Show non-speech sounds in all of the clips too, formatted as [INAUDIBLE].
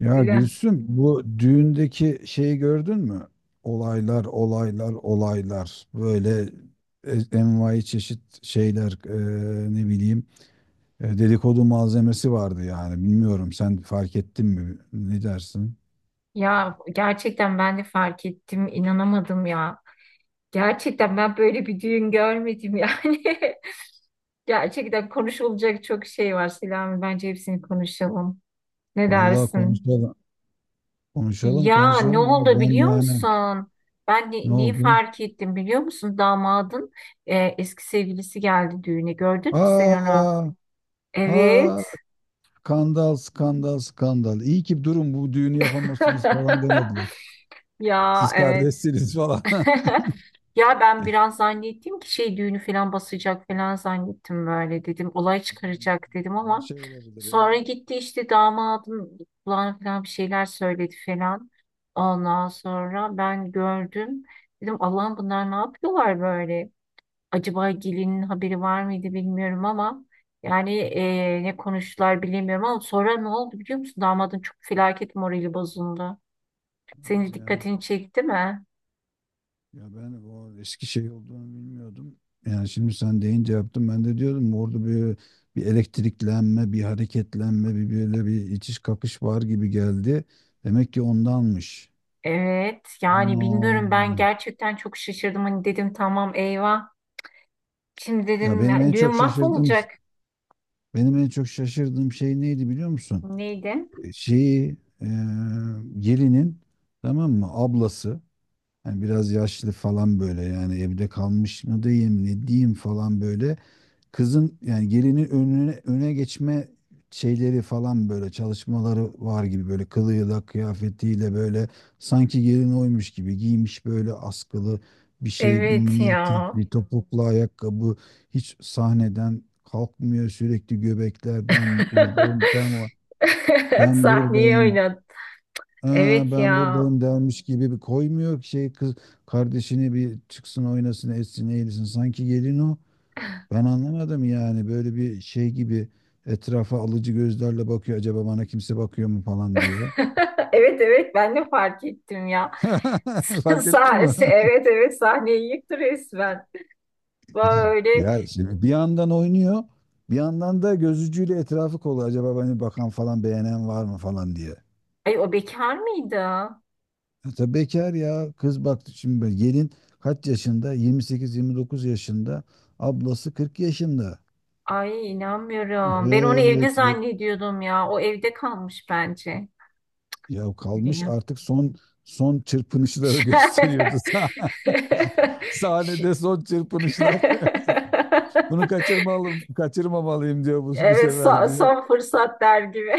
Ya Öyle. Gülsüm bu düğündeki şeyi gördün mü? Olaylar, olaylar, olaylar. Böyle envai çeşit şeyler, ne bileyim, dedikodu malzemesi vardı yani. Bilmiyorum, sen fark ettin mi? Ne dersin? Ya gerçekten ben de fark ettim, inanamadım ya. Gerçekten ben böyle bir düğün görmedim yani. [LAUGHS] Gerçekten konuşulacak çok şey var Selami. Bence hepsini konuşalım. Ne Vallahi dersin? konuşalım. Konuşalım, Ya ne konuşalım ya. oldu Ben biliyor yani musun? Ben ne ne, neyi oldu? fark ettim biliyor musun? Damadın eski sevgilisi geldi düğüne. Gördün mü sen onu? Aa, Evet. aa, skandal, skandal, skandal. İyi ki durum bu düğünü yapamazsınız falan demediler. [LAUGHS] Ya Siz evet. kardeşsiniz falan. [LAUGHS] [LAUGHS] Ya ben biraz zannettim ki şey düğünü falan basacak falan zannettim böyle dedim. Olay Aman, çıkaracak dedim her ama şey olabilir ya. sonra gitti işte damadın kulağına falan bir şeyler söyledi falan. Ondan sonra ben gördüm. Dedim Allah'ım bunlar ne yapıyorlar böyle? Acaba gelinin haberi var mıydı bilmiyorum ama yani ne konuştular bilemiyorum ama sonra ne oldu biliyor musun? Damadın çok felaket morali bozuldu. Senin Hadi ya. dikkatini çekti mi? Ya ben o eski şey olduğunu bilmiyordum. Yani şimdi sen deyince yaptım. Ben de diyordum orada bir elektriklenme, bir hareketlenme, bir böyle bir itiş kakış var gibi geldi. Demek ki ondanmış. Evet yani bilmiyorum ben Aman. gerçekten çok şaşırdım hani dedim tamam eyvah. Şimdi Ya dedim benim ya, en düğün çok şaşırdığım mahvolacak. benim en çok şaşırdığım şey neydi biliyor musun? Neydi? Şeyi, e, gelinin, tamam mı, ablası. Yani biraz yaşlı falan böyle, yani evde kalmış mı diyeyim ne diyeyim falan böyle. Kızın yani gelinin önüne öne geçme şeyleri falan böyle çalışmaları var gibi, böyle kılığıyla kıyafetiyle, böyle sanki gelin oymuş gibi giymiş, böyle askılı bir şey, bir Evet mini etek, ya. bir topuklu ayakkabı, hiç sahneden kalkmıyor, sürekli göbekler, ben buradayım, ben var, [LAUGHS] ben Sahneye buradayım. oynat. "Aa, Evet ben ya. buradayım" dermiş gibi bir koymuyor ki şey, kız kardeşini bir çıksın oynasın etsin eğilsin, sanki gelin o. Ben anlamadım yani, böyle bir şey gibi etrafa alıcı gözlerle bakıyor, acaba bana kimse bakıyor mu falan diye. [LAUGHS] Evet evet ben de fark ettim ya. [LAUGHS] [LAUGHS] Fark ettin mi? evet evet sahneyi yıktı resmen. Böyle. Ya şimdi bir yandan oynuyor, bir yandan da gözücüyle etrafı kolluyor, acaba beni bakan falan beğenen var mı falan diye. Ay o bekar mıydı? Ya tabii bekar ya kız, baktı şimdi böyle gelin kaç yaşında, 28-29 yaşında, ablası 40 yaşında. Ay inanmıyorum. Ben onu evli Evet, zannediyordum ya. O evde kalmış bence. ya kalmış Ya. artık, son çırpınışları Ş- gösteriyordu. [LAUGHS] [LAUGHS] Ş- Sahnede son çırpınışlar. [LAUGHS] [LAUGHS] Kaçırmamalıyım diyor bu Evet sefer son, diye. son fırsat der gibi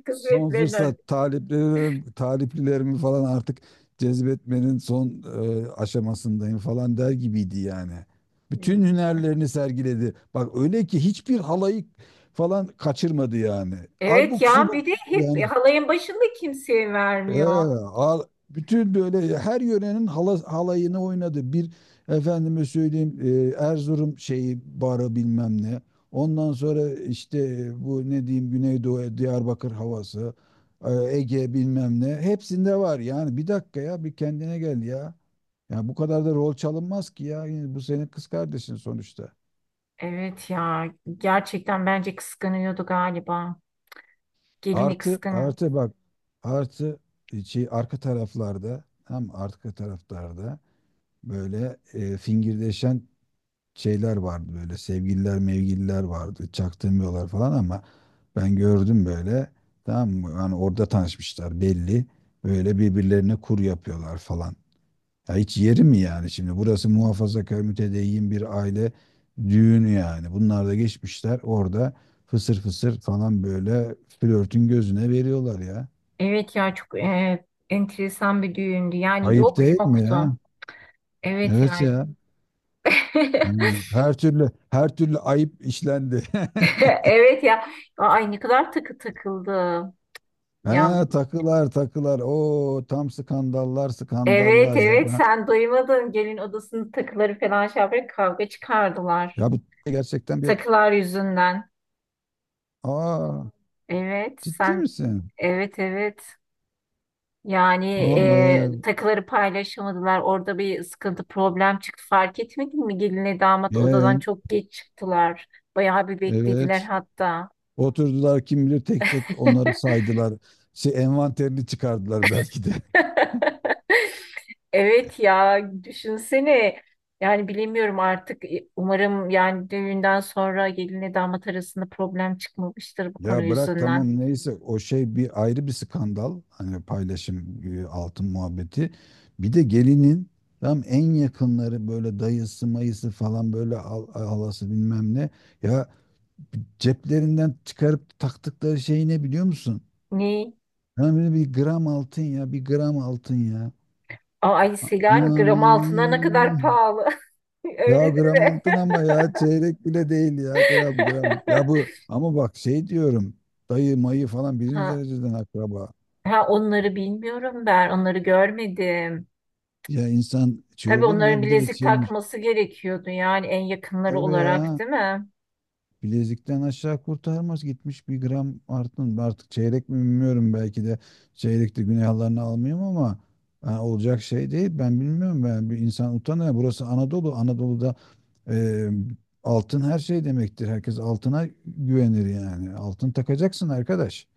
[LAUGHS] Son kısmetlerini. fırsat, taliplilerimi falan artık cezbetmenin son, aşamasındayım falan der gibiydi yani. Bütün hünerlerini sergiledi. Bak öyle ki hiçbir halayı falan kaçırmadı yani. Evet Abuk ya subuk bir de hep yani. halayın başında kimseye Ee, vermiyor. al- Bütün böyle her yörenin halayını oynadı. Bir efendime söyleyeyim, Erzurum şeyi, barı bilmem ne. Ondan sonra işte, bu ne diyeyim, Güneydoğu Diyarbakır havası, Ege bilmem ne. Hepsinde var yani. Bir dakika ya, bir kendine gel ya. Ya bu kadar da rol çalınmaz ki ya. Yani bu senin kız kardeşin sonuçta. Evet ya gerçekten bence kıskanıyordu galiba. Gelini Artı kıskanıyor. artı bak, artı, şey arka taraflarda, tam arka taraflarda böyle, fingirdeşen şeyler vardı böyle, sevgililer mevgililer vardı, çaktırmıyorlar falan ama ben gördüm böyle. Tamam mı, yani orada tanışmışlar belli, böyle birbirlerine kur yapıyorlar falan. Ya hiç yeri mi yani, şimdi burası muhafazakar mütedeyyin bir aile düğünü, yani bunlar da geçmişler orada fısır fısır falan böyle, flörtün gözüne veriyorlar ya. Evet ya çok enteresan bir düğündü. Yani Ayıp yok değil mi ya? yoktu. Evet Evet ya. [LAUGHS] ya. Yani her türlü, her türlü ayıp işlendi. [LAUGHS] [LAUGHS] Evet ya. Ay ne kadar takı takıldı. He, Ya takılar takılar. O tam skandallar evet skandallar ya, evet ben, sen duymadın. Gelin odasının takıları falan şey yaparak kavga çıkardılar. ya bu gerçekten bir, Takılar yüzünden. aa, Evet ciddi sen misin? evet evet. Yani Vallahi ya, takıları paylaşamadılar. Orada bir sıkıntı, problem çıktı. Fark etmedin mi? Gelinle damat ya, odadan çok geç çıktılar. Bayağı bir beklediler evet. hatta. Oturdular kim bilir, tek tek onları [LAUGHS] saydılar. Şey envanterini çıkardılar belki de. [LAUGHS] Evet ya düşünsene. Yani bilemiyorum artık. Umarım yani düğünden sonra gelinle damat arasında problem çıkmamıştır bu konu Ya bırak, yüzünden. tamam neyse, o şey bir ayrı bir skandal. Hani paylaşım, altın muhabbeti. Bir de gelinin tam en yakınları böyle, dayısı mayısı falan, böyle halası bilmem ne. Ya, ceplerinden çıkarıp taktıkları şey ne biliyor musun? Ne? Yani böyle bir gram altın ya, bir gram altın ya. Ay Selen gram altına ne kadar Ay. pahalı. [LAUGHS] Ya Öyle gram deme. altın ama ya, çeyrek bile değil ya, gram gram. Ya bu [LAUGHS] ama bak, şey diyorum, dayı mayı falan birinci Ha, dereceden akraba. ha onları bilmiyorum ben. Onları görmedim. Ya insan şey Tabii olur mu onların ya, bir de bilezik şeymiş. takması gerekiyordu yani en yakınları Tabii olarak ya, değil mi? bilezikten aşağı kurtarmaz gitmiş bir gram artın. Artık çeyrek mi bilmiyorum, belki de çeyrekte günahlarını almayayım ama ha, olacak şey değil. Ben bilmiyorum, ben, bir insan utanıyor. Burası Anadolu. Anadolu'da, e, altın her şey demektir. Herkes altına güvenir yani. Altın takacaksın arkadaş.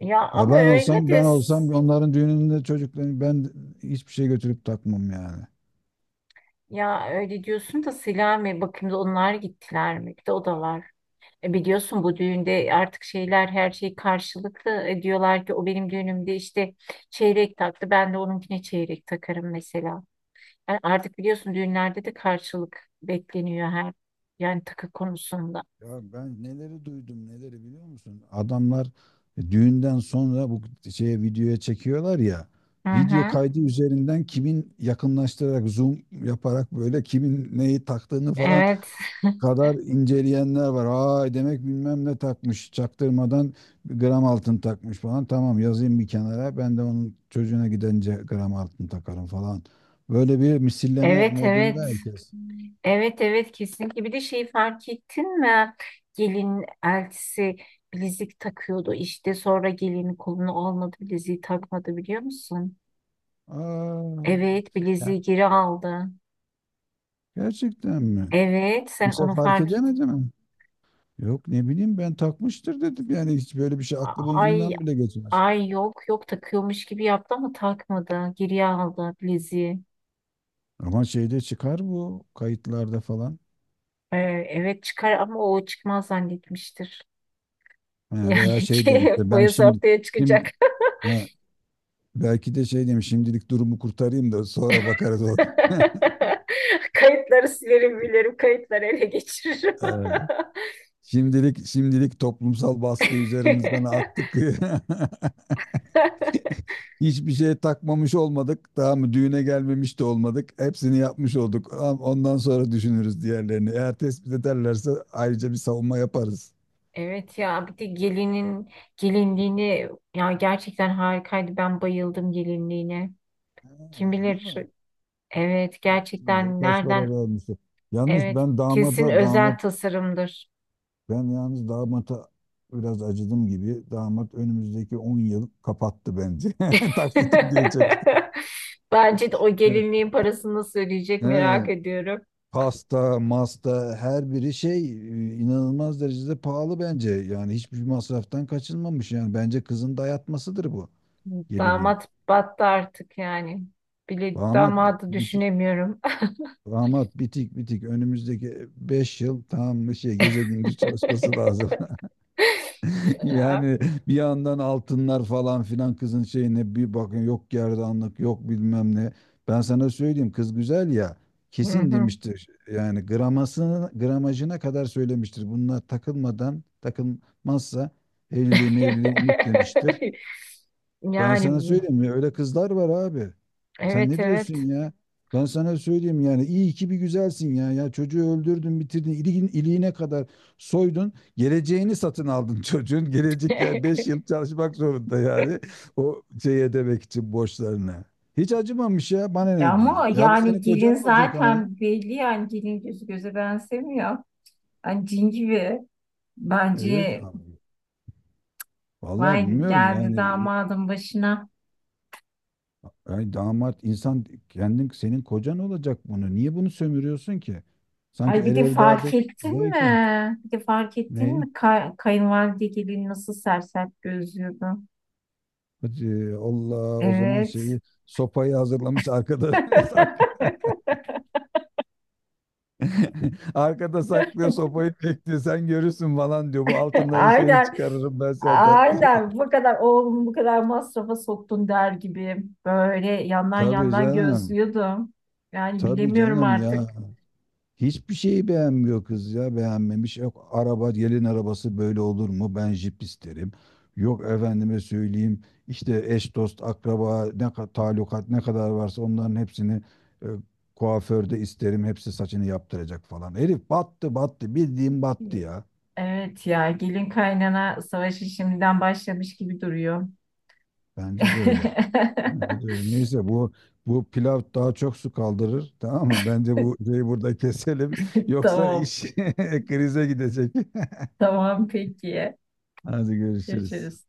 Ya Ya ama ben öyle olsam, de ben olsam s- onların düğününde çocuklarını ben hiçbir şey götürüp takmam yani. ya öyle diyorsun da Selami bakayım da onlar gittiler mi? Bir de o da var. E biliyorsun bu düğünde artık şeyler her şey karşılıklı. E diyorlar ki o benim düğünümde işte çeyrek taktı. Ben de onunkine çeyrek takarım mesela. Yani artık biliyorsun düğünlerde de karşılık bekleniyor her yani takı konusunda. Ya ben neleri duydum neleri biliyor musun? Adamlar, düğünden sonra bu şeye, videoya çekiyorlar ya. Hı Video hı. kaydı üzerinden kimin, yakınlaştırarak zoom yaparak böyle kimin neyi taktığını falan Evet. [LAUGHS] kadar inceleyenler var. Aa, demek bilmem ne takmış çaktırmadan, bir gram altın takmış falan. Tamam yazayım bir kenara, ben de onun çocuğuna gidince gram altın takarım falan. Böyle bir misilleme Evet modunda evet. herkes. Evet evet kesinlikle. Bir de şeyi fark ettin mi? Gelin eltisi bilezik takıyordu işte sonra gelinin kolunu almadı bileziği takmadı biliyor musun? Aa, Evet ya bileziği geri aldı. gerçekten mi? Evet sen Kimse onu fark fark et. edemedi mi? Yok ne bileyim, ben takmıştır dedim. Yani hiç böyle bir şey aklımın Ay ucundan bile geçmez. ay yok yok takıyormuş gibi yaptı ama takmadı. Geriye aldı bileziği. Ama şeyde çıkar, bu kayıtlarda falan. Ee, evet çıkar ama o çıkmaz zannetmiştir. Ha, veya Yani şey ki [LAUGHS] demişti, ben boyası şimdi ortaya çıkacak. şimdi ha, belki de şey demiş, şimdilik durumu kurtarayım da sonra bakarız o. [LAUGHS] [LAUGHS] Kayıtları silerim bilirim, kayıtları ele geçiririm. Ee, şimdilik, toplumsal baskı üzerimizden [LAUGHS] attık. [LAUGHS] [LAUGHS] Hiçbir şey takmamış olmadık. Daha mı düğüne gelmemiş de olmadık. Hepsini yapmış olduk. Ondan sonra düşünürüz diğerlerini. Eğer tespit ederlerse ayrıca bir savunma yaparız. Evet ya bir de gelinin gelinliğini ya gerçekten harikaydı. Ben bayıldım gelinliğine. Kim Ha, öyle bilir mi? evet Bak, kim bilir gerçekten kaç nereden para vermişti. Yalnız evet ben kesin damada damat özel tasarımdır. Ben yalnız damata biraz acıdım gibi. Damat önümüzdeki 10 yıl kapattı bence. [LAUGHS] Taksit ödeyecek. [LAUGHS] Bence de o Evet. gelinliğin parasını nasıl ödeyecek merak He. ediyorum. Pasta masta, her biri şey, inanılmaz derecede pahalı bence. Yani hiçbir masraftan kaçınmamış. Yani bence kızın dayatmasıdır, bu gelinin. Damat battı artık yani. Bile Damat bi- damadı biti, düşünemiyorum. Damat bitik, bitik, önümüzdeki 5 yıl tam bir şey, gece gündüz çalışması [LAUGHS] lazım. Yani bir yandan altınlar falan filan, kızın şeyine bir bakın, yok gerdanlık, yok bilmem ne. Ben sana söyleyeyim, kız güzel ya, Hı kesin hı. demiştir. Yani gramajına kadar söylemiştir. Bunlar takılmazsa evliliği mevliliği unut demiştir. [LAUGHS] Ben sana Yani söyleyeyim ya, öyle kızlar var abi. Sen evet ne diyorsun evet. ya? Ben sana söyleyeyim, yani iyi ki bir güzelsin ya. Ya çocuğu öldürdün, bitirdin, iliğin, iliğine kadar soydun. Geleceğini satın aldın [LAUGHS] çocuğun. Gelecek ya, 5 yıl çalışmak zorunda yani. O şey, ödemek için borçlarını. Hiç acımamış ya, [LAUGHS] bana ne diyor. Ama Ya bu yani senin gelin kocan olacak ama. zaten belli yani gelin gözü göze benzemiyor. Yani cin gibi. Evet Bence abi. Vallahi vay bilmiyorum geldi yani. damadın başına. Ay damat, insan kendin, senin kocan olacak bunu. Niye bunu sömürüyorsun ki? Sanki Ay bir el de fark evladı ettin zevki. mi? Bir de fark ettin Neyi? mi? Kayınvalide gelin nasıl sersert gözlüyordu. Hadi Allah o zaman, Evet. şeyi, sopayı hazırlamış arkada [LAUGHS] saklı. [LAUGHS] [LAUGHS] Arkada saklıyor sopayı, bekliyor. Sen görürsün falan diyor. Bu altınların şeyini Aynen. çıkarırım ben zaten. [LAUGHS] Aynen bu kadar oğlumu bu kadar masrafa soktun der gibi böyle yandan Tabii yandan canım. gözlüyordum. Yani Tabii bilemiyorum canım artık. ya. Hiçbir şeyi beğenmiyor kız ya, beğenmemiş. Yok, araba, gelin arabası böyle olur mu? Ben jip isterim. Yok efendime söyleyeyim, işte eş dost akraba ne kadar talukat ne kadar varsa onların hepsini, e, kuaförde isterim. Hepsi saçını yaptıracak falan. Herif battı, battı bildiğim, battı ya. Evet ya gelin kaynana savaşı şimdiden başlamış gibi duruyor. Bence de öyle. Bence de öyle. Neyse, bu pilav daha çok su kaldırır tamam mı? Bence bu [LAUGHS] şeyi burada keselim [LAUGHS] yoksa Tamam. iş [LAUGHS] krize gidecek. Tamam peki. [LAUGHS] Hadi görüşürüz. Görüşürüz.